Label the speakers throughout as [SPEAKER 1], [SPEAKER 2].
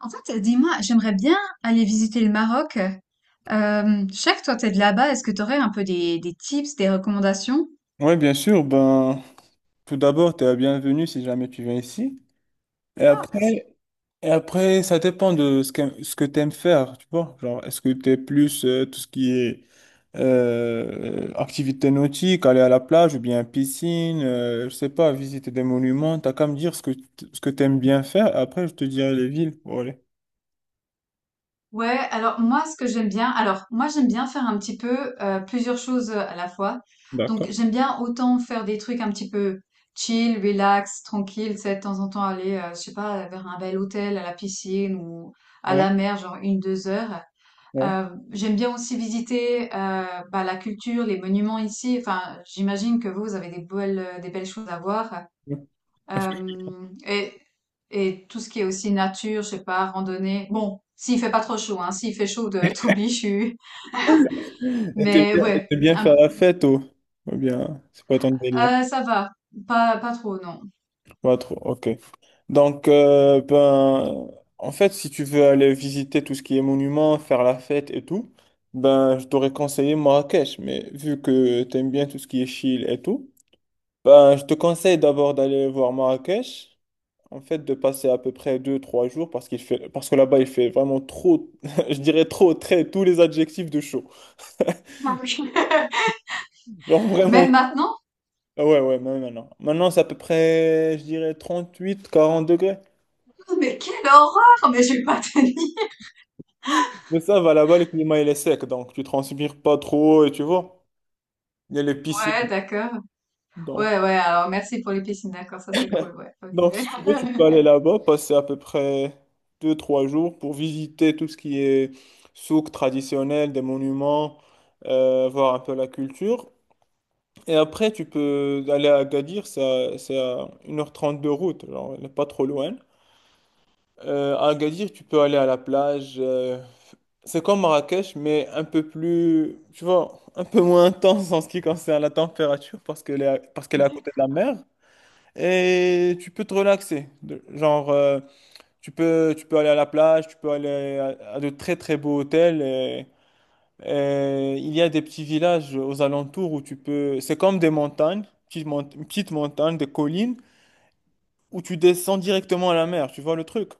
[SPEAKER 1] En fait, dis-moi, j'aimerais bien aller visiter le Maroc. Je sais que toi, t'es de là-bas. Est-ce que tu aurais un peu des tips, des recommandations?
[SPEAKER 2] Oui, bien sûr. Ben, tout d'abord, tu es la bienvenue si jamais tu viens ici. Et
[SPEAKER 1] Ah, merci.
[SPEAKER 2] après, et après ça dépend de ce que tu aimes faire, tu vois. Genre, est-ce que tu es plus tout ce qui est activité nautique, aller à la plage ou bien piscine, je sais pas, visiter des monuments. T'as qu'à me dire ce que, ce que tu aimes bien faire. Après, je te dirai les villes. Bon, allez.
[SPEAKER 1] Ouais, alors moi, ce que j'aime bien, alors moi, j'aime bien faire un petit peu plusieurs choses à la fois. Donc,
[SPEAKER 2] D'accord.
[SPEAKER 1] j'aime bien autant faire des trucs un petit peu chill, relax, tranquille, tu sais, de temps en temps aller, je sais pas, vers un bel hôtel, à la piscine ou à
[SPEAKER 2] Ouais,
[SPEAKER 1] la mer, genre une, 2 heures.
[SPEAKER 2] ouais.
[SPEAKER 1] J'aime bien aussi visiter bah, la culture, les monuments ici. Enfin, j'imagine que vous, vous avez des belles choses à voir.
[SPEAKER 2] ouais.
[SPEAKER 1] Euh, et, et tout ce qui est aussi nature, je sais pas, randonnée. Bon, s'il fait pas trop chaud, hein, s'il fait chaud, t'oublies, je suis. Mais
[SPEAKER 2] Et
[SPEAKER 1] ouais,
[SPEAKER 2] t'aimes bien faire la fête, ou bien, c'est pas ton délire.
[SPEAKER 1] ça va. Pas trop, non.
[SPEAKER 2] Pas trop, ok. Donc, ben, en fait, si tu veux aller visiter tout ce qui est monument, faire la fête et tout, ben, je t'aurais conseillé Marrakech. Mais vu que t'aimes bien tout ce qui est chill et tout, ben, je te conseille d'abord d'aller voir Marrakech. En fait, de passer à peu près 2-3 jours parce qu'il fait, parce que là-bas, il fait vraiment trop, je dirais trop, très, tous les adjectifs de chaud.
[SPEAKER 1] Non,
[SPEAKER 2] Genre vraiment,
[SPEAKER 1] Même maintenant?
[SPEAKER 2] ah ouais, ouais, mais maintenant. Maintenant, c'est à peu près, je dirais 38-40 degrés.
[SPEAKER 1] Mais quelle horreur! Mais je vais pas tenir.
[SPEAKER 2] Mais ça va là-bas, le climat il est sec, donc tu transpires pas trop, et tu vois, il y a les
[SPEAKER 1] Ouais,
[SPEAKER 2] piscines.
[SPEAKER 1] d'accord.
[SPEAKER 2] Donc,
[SPEAKER 1] Ouais, ouais, alors merci pour les piscines, d'accord, ça c'est cool, ouais, ok.
[SPEAKER 2] donc, si tu veux, tu peux aller là-bas, passer à peu près 2-3 jours pour visiter tout ce qui est souk traditionnel, des monuments, voir un peu la culture. Et après, tu peux aller à Agadir, c'est c'est à 1h30 de route, genre, elle n'est pas trop loin. À Agadir, tu peux aller à la plage. C'est comme Marrakech, mais un peu plus, tu vois, un peu moins intense en ce qui concerne la température parce qu'elle est à côté de la mer. Et tu peux te relaxer. Genre, tu peux aller à la plage, tu peux aller à de très très beaux hôtels. Et il y a des petits villages aux alentours où tu peux. C'est comme des montagnes, une petite montagne, des collines, où tu descends directement à la mer. Tu vois le truc?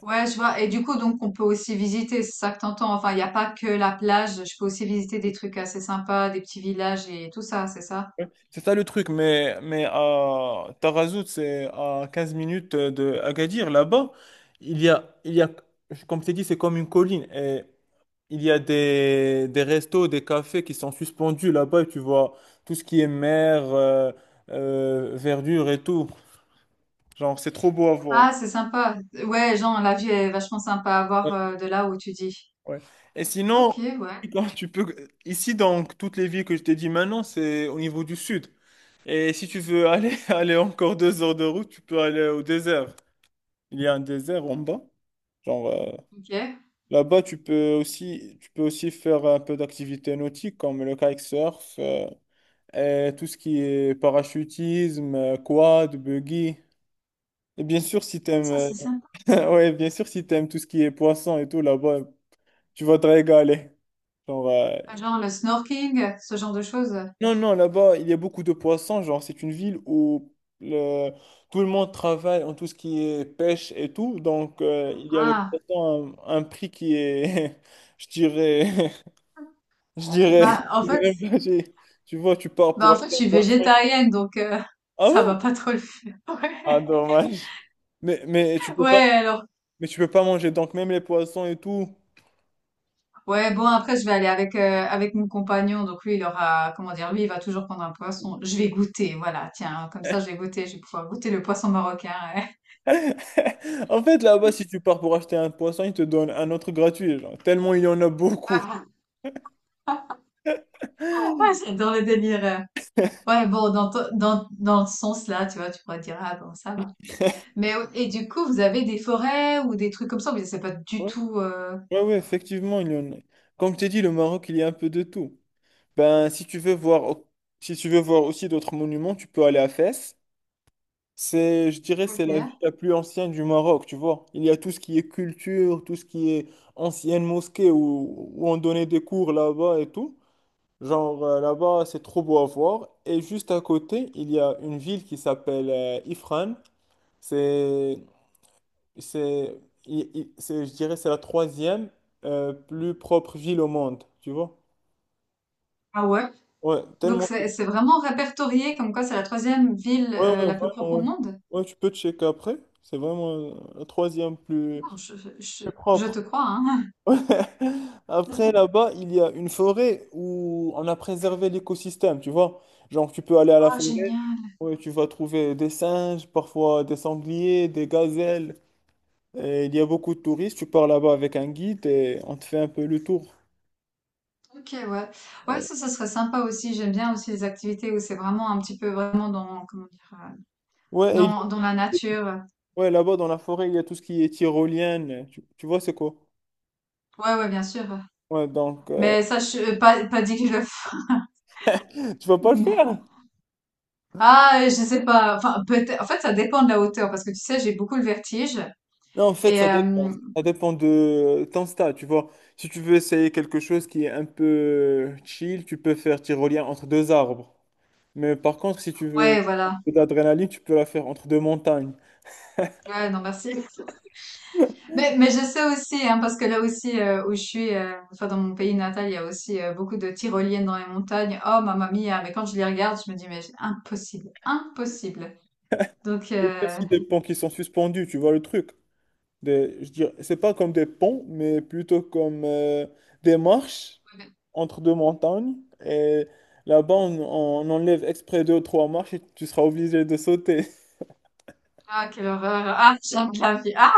[SPEAKER 1] Ouais, je vois. Et du coup, donc, on peut aussi visiter, c'est ça que t'entends. Enfin, il n'y a pas que la plage. Je peux aussi visiter des trucs assez sympas, des petits villages et tout ça, c'est ça?
[SPEAKER 2] C'est ça le truc, mais à Tarazout, c'est à 15 minutes de Agadir. Là-bas, il y a, comme t'ai dit, c'est comme une colline. Et il y a des restos, des cafés qui sont suspendus là-bas. Et tu vois tout ce qui est mer, verdure et tout. Genre, c'est trop beau à voir.
[SPEAKER 1] Ah, c'est sympa. Ouais, genre, la vue est vachement sympa à
[SPEAKER 2] Ouais,
[SPEAKER 1] voir de là où tu dis.
[SPEAKER 2] ouais. Et
[SPEAKER 1] Ok,
[SPEAKER 2] sinon,
[SPEAKER 1] ouais.
[SPEAKER 2] quand tu peux, ici, donc, toutes les villes que je t'ai dit maintenant, c'est au niveau du sud. Et si tu veux aller, aller encore 2 heures de route, tu peux aller au désert. Il y a un désert en bas. Genre,
[SPEAKER 1] Ok.
[SPEAKER 2] là-bas, tu peux aussi faire un peu d'activités nautiques comme le kitesurf et tout ce qui est parachutisme, quad, buggy. Et bien sûr, si t'aimes,
[SPEAKER 1] Ça, c'est sympa.
[SPEAKER 2] ouais, bien sûr, si t'aimes tout ce qui est poisson et tout, là-bas, tu vas te régaler. Genre,
[SPEAKER 1] Genre le snorking, ce genre de choses.
[SPEAKER 2] non, non, là-bas, il y a beaucoup de poissons. Genre, c'est une ville où le- tout le monde travaille en tout ce qui est pêche et tout. Donc, il y a les
[SPEAKER 1] Ah,
[SPEAKER 2] poissons à un prix qui est, je dirais, je dirais,
[SPEAKER 1] bah en
[SPEAKER 2] je
[SPEAKER 1] fait,
[SPEAKER 2] dirais pas, tu vois, tu pars pour
[SPEAKER 1] bah en fait, je
[SPEAKER 2] acheter un
[SPEAKER 1] suis
[SPEAKER 2] poisson.
[SPEAKER 1] végétarienne, donc
[SPEAKER 2] Ah
[SPEAKER 1] ça
[SPEAKER 2] bon?
[SPEAKER 1] va pas trop le faire.
[SPEAKER 2] Ah,
[SPEAKER 1] Ouais.
[SPEAKER 2] dommage. Mais,
[SPEAKER 1] Ouais, alors.
[SPEAKER 2] mais tu peux pas manger donc même les poissons et tout.
[SPEAKER 1] Ouais, bon après je vais aller avec mon compagnon, donc lui il aura comment dire, lui il va toujours prendre un poisson. Je vais goûter, voilà, tiens, comme ça je vais goûter, je vais pouvoir goûter le poisson marocain.
[SPEAKER 2] En fait, là-bas, si tu pars pour acheter un poisson, ils te donnent un autre gratuit, genre, tellement il y en a
[SPEAKER 1] Ouais,
[SPEAKER 2] beaucoup.
[SPEAKER 1] ouais j'adore le délire. Ouais, bon dans to- dans dans le sens là, tu vois, tu pourrais dire ah bon ça va. Mais et du coup vous avez des forêts ou des trucs comme ça, mais c'est pas du tout.
[SPEAKER 2] Ouais, ouais, effectivement, il y en a. Comme tu dit, le Maroc, il y a un peu de tout. Ben, si tu veux voir, si tu veux voir aussi d'autres monuments, tu peux aller à Fès. C'est, je dirais, c'est
[SPEAKER 1] Ok.
[SPEAKER 2] la ville la plus ancienne du Maroc, tu vois. Il y a tout ce qui est culture, tout ce qui est ancienne mosquée où on donnait des cours là-bas et tout. Genre, là-bas, c'est trop beau à voir. Et juste à côté, il y a une ville qui s'appelle Ifrane. C'est c'est, il- c'est- Je dirais, c'est la troisième plus propre ville au monde, tu vois?
[SPEAKER 1] Ah ouais?
[SPEAKER 2] Ouais,
[SPEAKER 1] Donc
[SPEAKER 2] tellement.
[SPEAKER 1] c'est vraiment répertorié comme quoi c'est la troisième ville
[SPEAKER 2] Ouais, ouais,
[SPEAKER 1] la plus propre
[SPEAKER 2] vraiment,
[SPEAKER 1] au
[SPEAKER 2] ouais.
[SPEAKER 1] monde?
[SPEAKER 2] Ouais, tu peux checker après. C'est vraiment la troisième plus,
[SPEAKER 1] Non,
[SPEAKER 2] plus
[SPEAKER 1] je
[SPEAKER 2] propre.
[SPEAKER 1] te crois, hein.
[SPEAKER 2] Ouais. Après, là-bas, il y a une forêt où on a préservé l'écosystème, tu vois? Genre, tu peux aller à la
[SPEAKER 1] Oh,
[SPEAKER 2] forêt,
[SPEAKER 1] génial.
[SPEAKER 2] ouais, tu vas trouver des singes, parfois des sangliers, des gazelles. Et il y a beaucoup de touristes, tu pars là-bas avec un guide et on te fait un peu le tour.
[SPEAKER 1] Ok, ouais. Ouais, ça serait sympa aussi. J'aime bien aussi les activités où c'est vraiment un petit peu vraiment dans, comment dire,
[SPEAKER 2] Ouais, et il y a
[SPEAKER 1] dans la nature.
[SPEAKER 2] ouais, là-bas dans la forêt, il y a tout ce qui est tyrolienne. Tu vois, c'est quoi?
[SPEAKER 1] Ouais, ouais, bien sûr.
[SPEAKER 2] Ouais, donc,
[SPEAKER 1] Mais ça, pas dit que je le ferais.
[SPEAKER 2] tu vas pas le
[SPEAKER 1] Mais-
[SPEAKER 2] faire.
[SPEAKER 1] Ah, je sais pas. Enfin, peut-être. En fait, ça dépend de la hauteur parce que tu sais, j'ai beaucoup le vertige.
[SPEAKER 2] Non, en fait,
[SPEAKER 1] Et
[SPEAKER 2] ça dépend. Ça dépend de ton stade, tu vois. Si tu veux essayer quelque chose qui est un peu chill, tu peux faire tyrolien entre deux arbres. Mais par contre, si tu veux
[SPEAKER 1] ouais,
[SPEAKER 2] un
[SPEAKER 1] voilà.
[SPEAKER 2] peu d'adrénaline, tu peux la faire entre deux montagnes.
[SPEAKER 1] Ouais, non, merci. Mais je sais aussi, hein, parce que là aussi où je suis, enfin dans mon pays natal, il y a aussi beaucoup de tyroliennes dans les montagnes. Oh mamma mia, mais quand je les regarde, je me dis mais impossible, impossible. Donc
[SPEAKER 2] Et ça, si des ponts qui sont suspendus, tu vois le truc. Je dirais, c'est pas comme des ponts, mais plutôt comme des marches entre deux montagnes. Et là-bas, on enlève exprès deux ou trois marches et tu seras obligé de sauter.
[SPEAKER 1] ah quelle horreur, ah j'aime la vie, ah,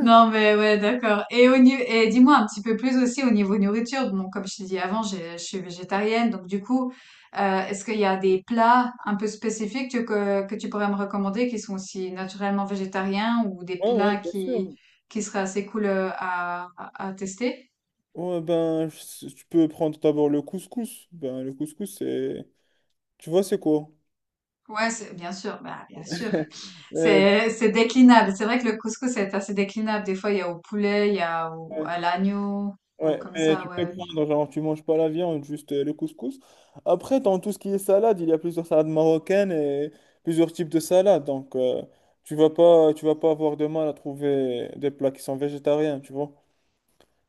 [SPEAKER 1] non, mais ouais, d'accord. Et, au niveau, et dis-moi un petit peu plus aussi au niveau nourriture. Bon, comme je t'ai dit avant, je suis végétarienne, donc du coup, est-ce qu'il y a des plats un peu spécifiques que tu pourrais me recommander qui sont aussi naturellement végétariens ou des
[SPEAKER 2] Ouais, ouais,
[SPEAKER 1] plats
[SPEAKER 2] bien sûr.
[SPEAKER 1] qui seraient assez cool à tester?
[SPEAKER 2] Ouais, ben, tu peux prendre d'abord le couscous. Ben, le couscous, c'est... Tu vois, c'est quoi?
[SPEAKER 1] Ouais, bien sûr, bah, bien sûr. C'est déclinable. C'est vrai que le couscous est assez déclinable. Des fois, il y a au poulet, il y a au,
[SPEAKER 2] Euh,
[SPEAKER 1] à l'agneau, au,
[SPEAKER 2] ouais,
[SPEAKER 1] comme
[SPEAKER 2] mais tu
[SPEAKER 1] ça,
[SPEAKER 2] peux
[SPEAKER 1] ouais.
[SPEAKER 2] prendre, genre, tu manges pas la viande, juste le couscous. Après, dans tout ce qui est salade, il y a plusieurs salades marocaines et plusieurs types de salades. Donc, tu vas pas avoir de mal à trouver des plats qui sont végétariens, tu vois.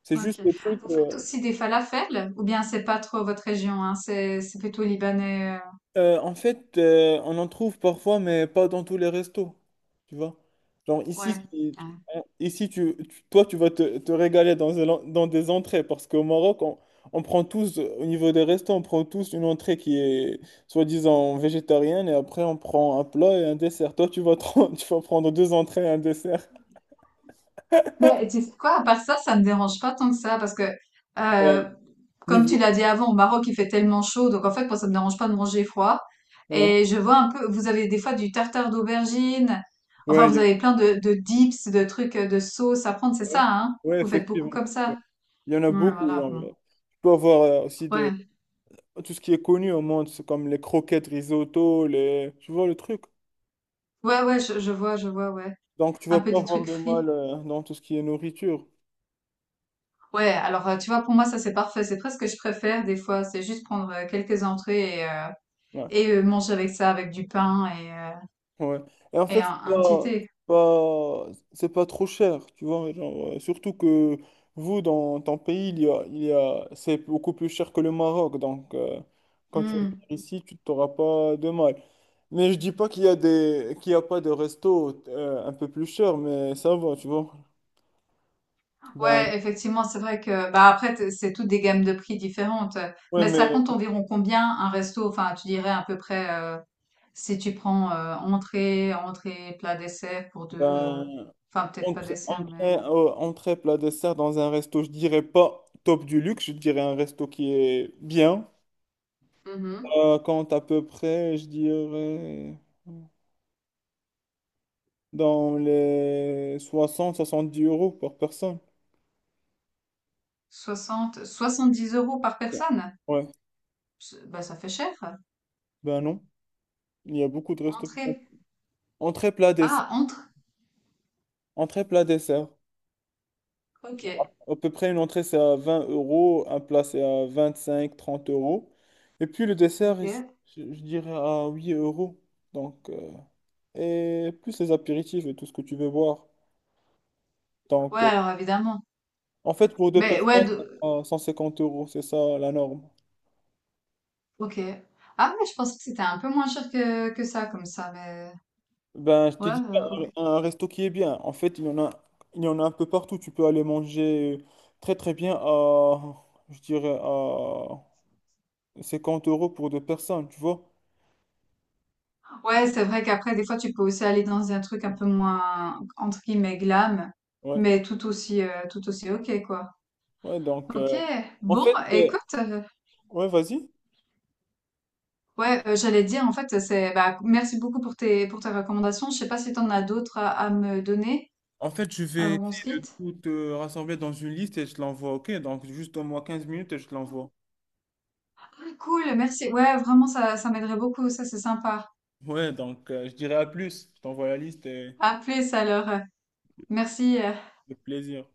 [SPEAKER 2] C'est juste
[SPEAKER 1] OK.
[SPEAKER 2] le truc.
[SPEAKER 1] Vous faites aussi des falafels? Ou bien c'est pas trop votre région, hein? C'est plutôt libanais,
[SPEAKER 2] En fait, on en trouve parfois, mais pas dans tous les restos, tu vois. Genre
[SPEAKER 1] ouais.
[SPEAKER 2] ici, si
[SPEAKER 1] Ouais.
[SPEAKER 2] tu- on- ici toi, te régaler dans, dans des entrées, parce qu'au Maroc, on prend tous, au niveau des restos, on prend tous une entrée qui est soi-disant végétarienne, et après on prend un plat et un dessert. Toi, tu vas prendre deux entrées et un dessert.
[SPEAKER 1] Mais tu sais quoi, à part ça, ça me dérange pas tant que ça parce que,
[SPEAKER 2] Euh,
[SPEAKER 1] euh, comme tu
[SPEAKER 2] niveau.
[SPEAKER 1] l'as dit avant, au Maroc, il fait tellement chaud, donc en fait, moi, ça me dérange pas de manger froid.
[SPEAKER 2] Ouais,
[SPEAKER 1] Et je vois un peu, vous avez des fois du tartare d'aubergine. Enfin,
[SPEAKER 2] ouais, il
[SPEAKER 1] vous
[SPEAKER 2] y
[SPEAKER 1] avez plein de dips, de trucs, de sauces à prendre, c'est ça,
[SPEAKER 2] ouais,
[SPEAKER 1] hein?
[SPEAKER 2] ouais,
[SPEAKER 1] Vous faites beaucoup
[SPEAKER 2] effectivement.
[SPEAKER 1] comme
[SPEAKER 2] Ouais.
[SPEAKER 1] ça.
[SPEAKER 2] Il y en a
[SPEAKER 1] Ouais,
[SPEAKER 2] beaucoup.
[SPEAKER 1] voilà,
[SPEAKER 2] Genre,
[SPEAKER 1] bon.
[SPEAKER 2] tu peux avoir aussi des...
[SPEAKER 1] Ouais.
[SPEAKER 2] tout ce qui est connu au monde, c'est comme les croquettes risotto, les... tu vois le truc.
[SPEAKER 1] Ouais, ouais, je vois, ouais.
[SPEAKER 2] Donc tu vas
[SPEAKER 1] Un peu
[SPEAKER 2] pas
[SPEAKER 1] des
[SPEAKER 2] avoir
[SPEAKER 1] trucs
[SPEAKER 2] de mal
[SPEAKER 1] frits.
[SPEAKER 2] dans tout ce qui est nourriture.
[SPEAKER 1] Ouais, alors tu vois, pour moi, ça c'est parfait. C'est presque ce que je préfère des fois. C'est juste prendre quelques entrées et, euh,
[SPEAKER 2] Ouais,
[SPEAKER 1] et euh, manger avec ça, avec du pain et, euh,
[SPEAKER 2] ouais. Et en
[SPEAKER 1] et
[SPEAKER 2] fait,
[SPEAKER 1] un petit thé.
[SPEAKER 2] c'est pas trop cher, tu vois. Genre, surtout que vous, dans ton pays, il y a, c'est beaucoup plus cher que le Maroc. Donc quand tu vas
[SPEAKER 1] Hmm.
[SPEAKER 2] venir ici, tu t'auras pas de mal. Mais je dis pas qu'il y a des, qu'il y a pas de resto un peu plus cher, mais ça va, tu vois. Ben,
[SPEAKER 1] Ouais, effectivement, c'est vrai que bah après c'est toutes des gammes de prix différentes.
[SPEAKER 2] ouais,
[SPEAKER 1] Mais
[SPEAKER 2] mais
[SPEAKER 1] ça compte environ combien un resto? Enfin, tu dirais à peu près si tu prends entrée, entrée, plat, dessert pour deux.
[SPEAKER 2] ben,
[SPEAKER 1] Enfin, peut-être pas
[SPEAKER 2] Entrée,
[SPEAKER 1] dessert, mais
[SPEAKER 2] entrée, plat, dessert dans un resto, je dirais pas top du luxe, je dirais un resto qui est bien.
[SPEAKER 1] Mhm.
[SPEAKER 2] Compte à peu près, je dirais dans les 60-70 euros par personne.
[SPEAKER 1] 70 euros par
[SPEAKER 2] Ouais,
[SPEAKER 1] personne.
[SPEAKER 2] ouais.
[SPEAKER 1] Bah ça fait cher.
[SPEAKER 2] Ben non, il y a beaucoup de restos qui font-
[SPEAKER 1] Entrée.
[SPEAKER 2] entrée, plat, dessert.
[SPEAKER 1] Ah, entrée.
[SPEAKER 2] Entrée, plat, dessert.
[SPEAKER 1] Ok,
[SPEAKER 2] À peu près, une entrée, c'est à 20 euros, un plat, c'est à 25-30 euros. Et puis le dessert,
[SPEAKER 1] ok.
[SPEAKER 2] je dirais à 8 euros. Donc, et plus les apéritifs et tout ce que tu veux boire. Donc,
[SPEAKER 1] Ouais, alors évidemment.
[SPEAKER 2] en fait, pour deux
[SPEAKER 1] Mais ouais,
[SPEAKER 2] personnes, ça prend 150 euros, c'est ça la norme.
[SPEAKER 1] ok. Ah mais je pensais que c'était un peu moins cher que ça, comme ça, mais
[SPEAKER 2] Ben, je
[SPEAKER 1] ouais,
[SPEAKER 2] t'ai dit
[SPEAKER 1] ok.
[SPEAKER 2] un resto qui est bien. En fait, il y en a un peu partout. Tu peux aller manger très très bien à, je dirais, à 50 euros pour deux personnes, tu vois.
[SPEAKER 1] Ouais, c'est vrai qu'après, des fois, tu peux aussi aller dans un truc un peu moins, entre guillemets, glam,
[SPEAKER 2] Ouais,
[SPEAKER 1] mais tout aussi ok, quoi.
[SPEAKER 2] ouais, donc,
[SPEAKER 1] Ok,
[SPEAKER 2] en
[SPEAKER 1] bon,
[SPEAKER 2] fait,
[SPEAKER 1] écoute,
[SPEAKER 2] ouais, vas-y.
[SPEAKER 1] ouais, j'allais dire, en fait, bah, merci beaucoup pour tes recommandations. Je sais pas si t'en as d'autres à me donner
[SPEAKER 2] En fait, je vais
[SPEAKER 1] avant qu'on se
[SPEAKER 2] essayer de
[SPEAKER 1] quitte.
[SPEAKER 2] tout rassembler dans une liste et je te l'envoie, ok? Donc, juste au moins 15 minutes et je te l'envoie.
[SPEAKER 1] Ah, cool, merci. Ouais, vraiment, ça m'aiderait beaucoup, ça, c'est sympa.
[SPEAKER 2] Ouais, donc je dirais à plus. Je t'envoie la liste et
[SPEAKER 1] À plus alors. Merci.
[SPEAKER 2] avec plaisir.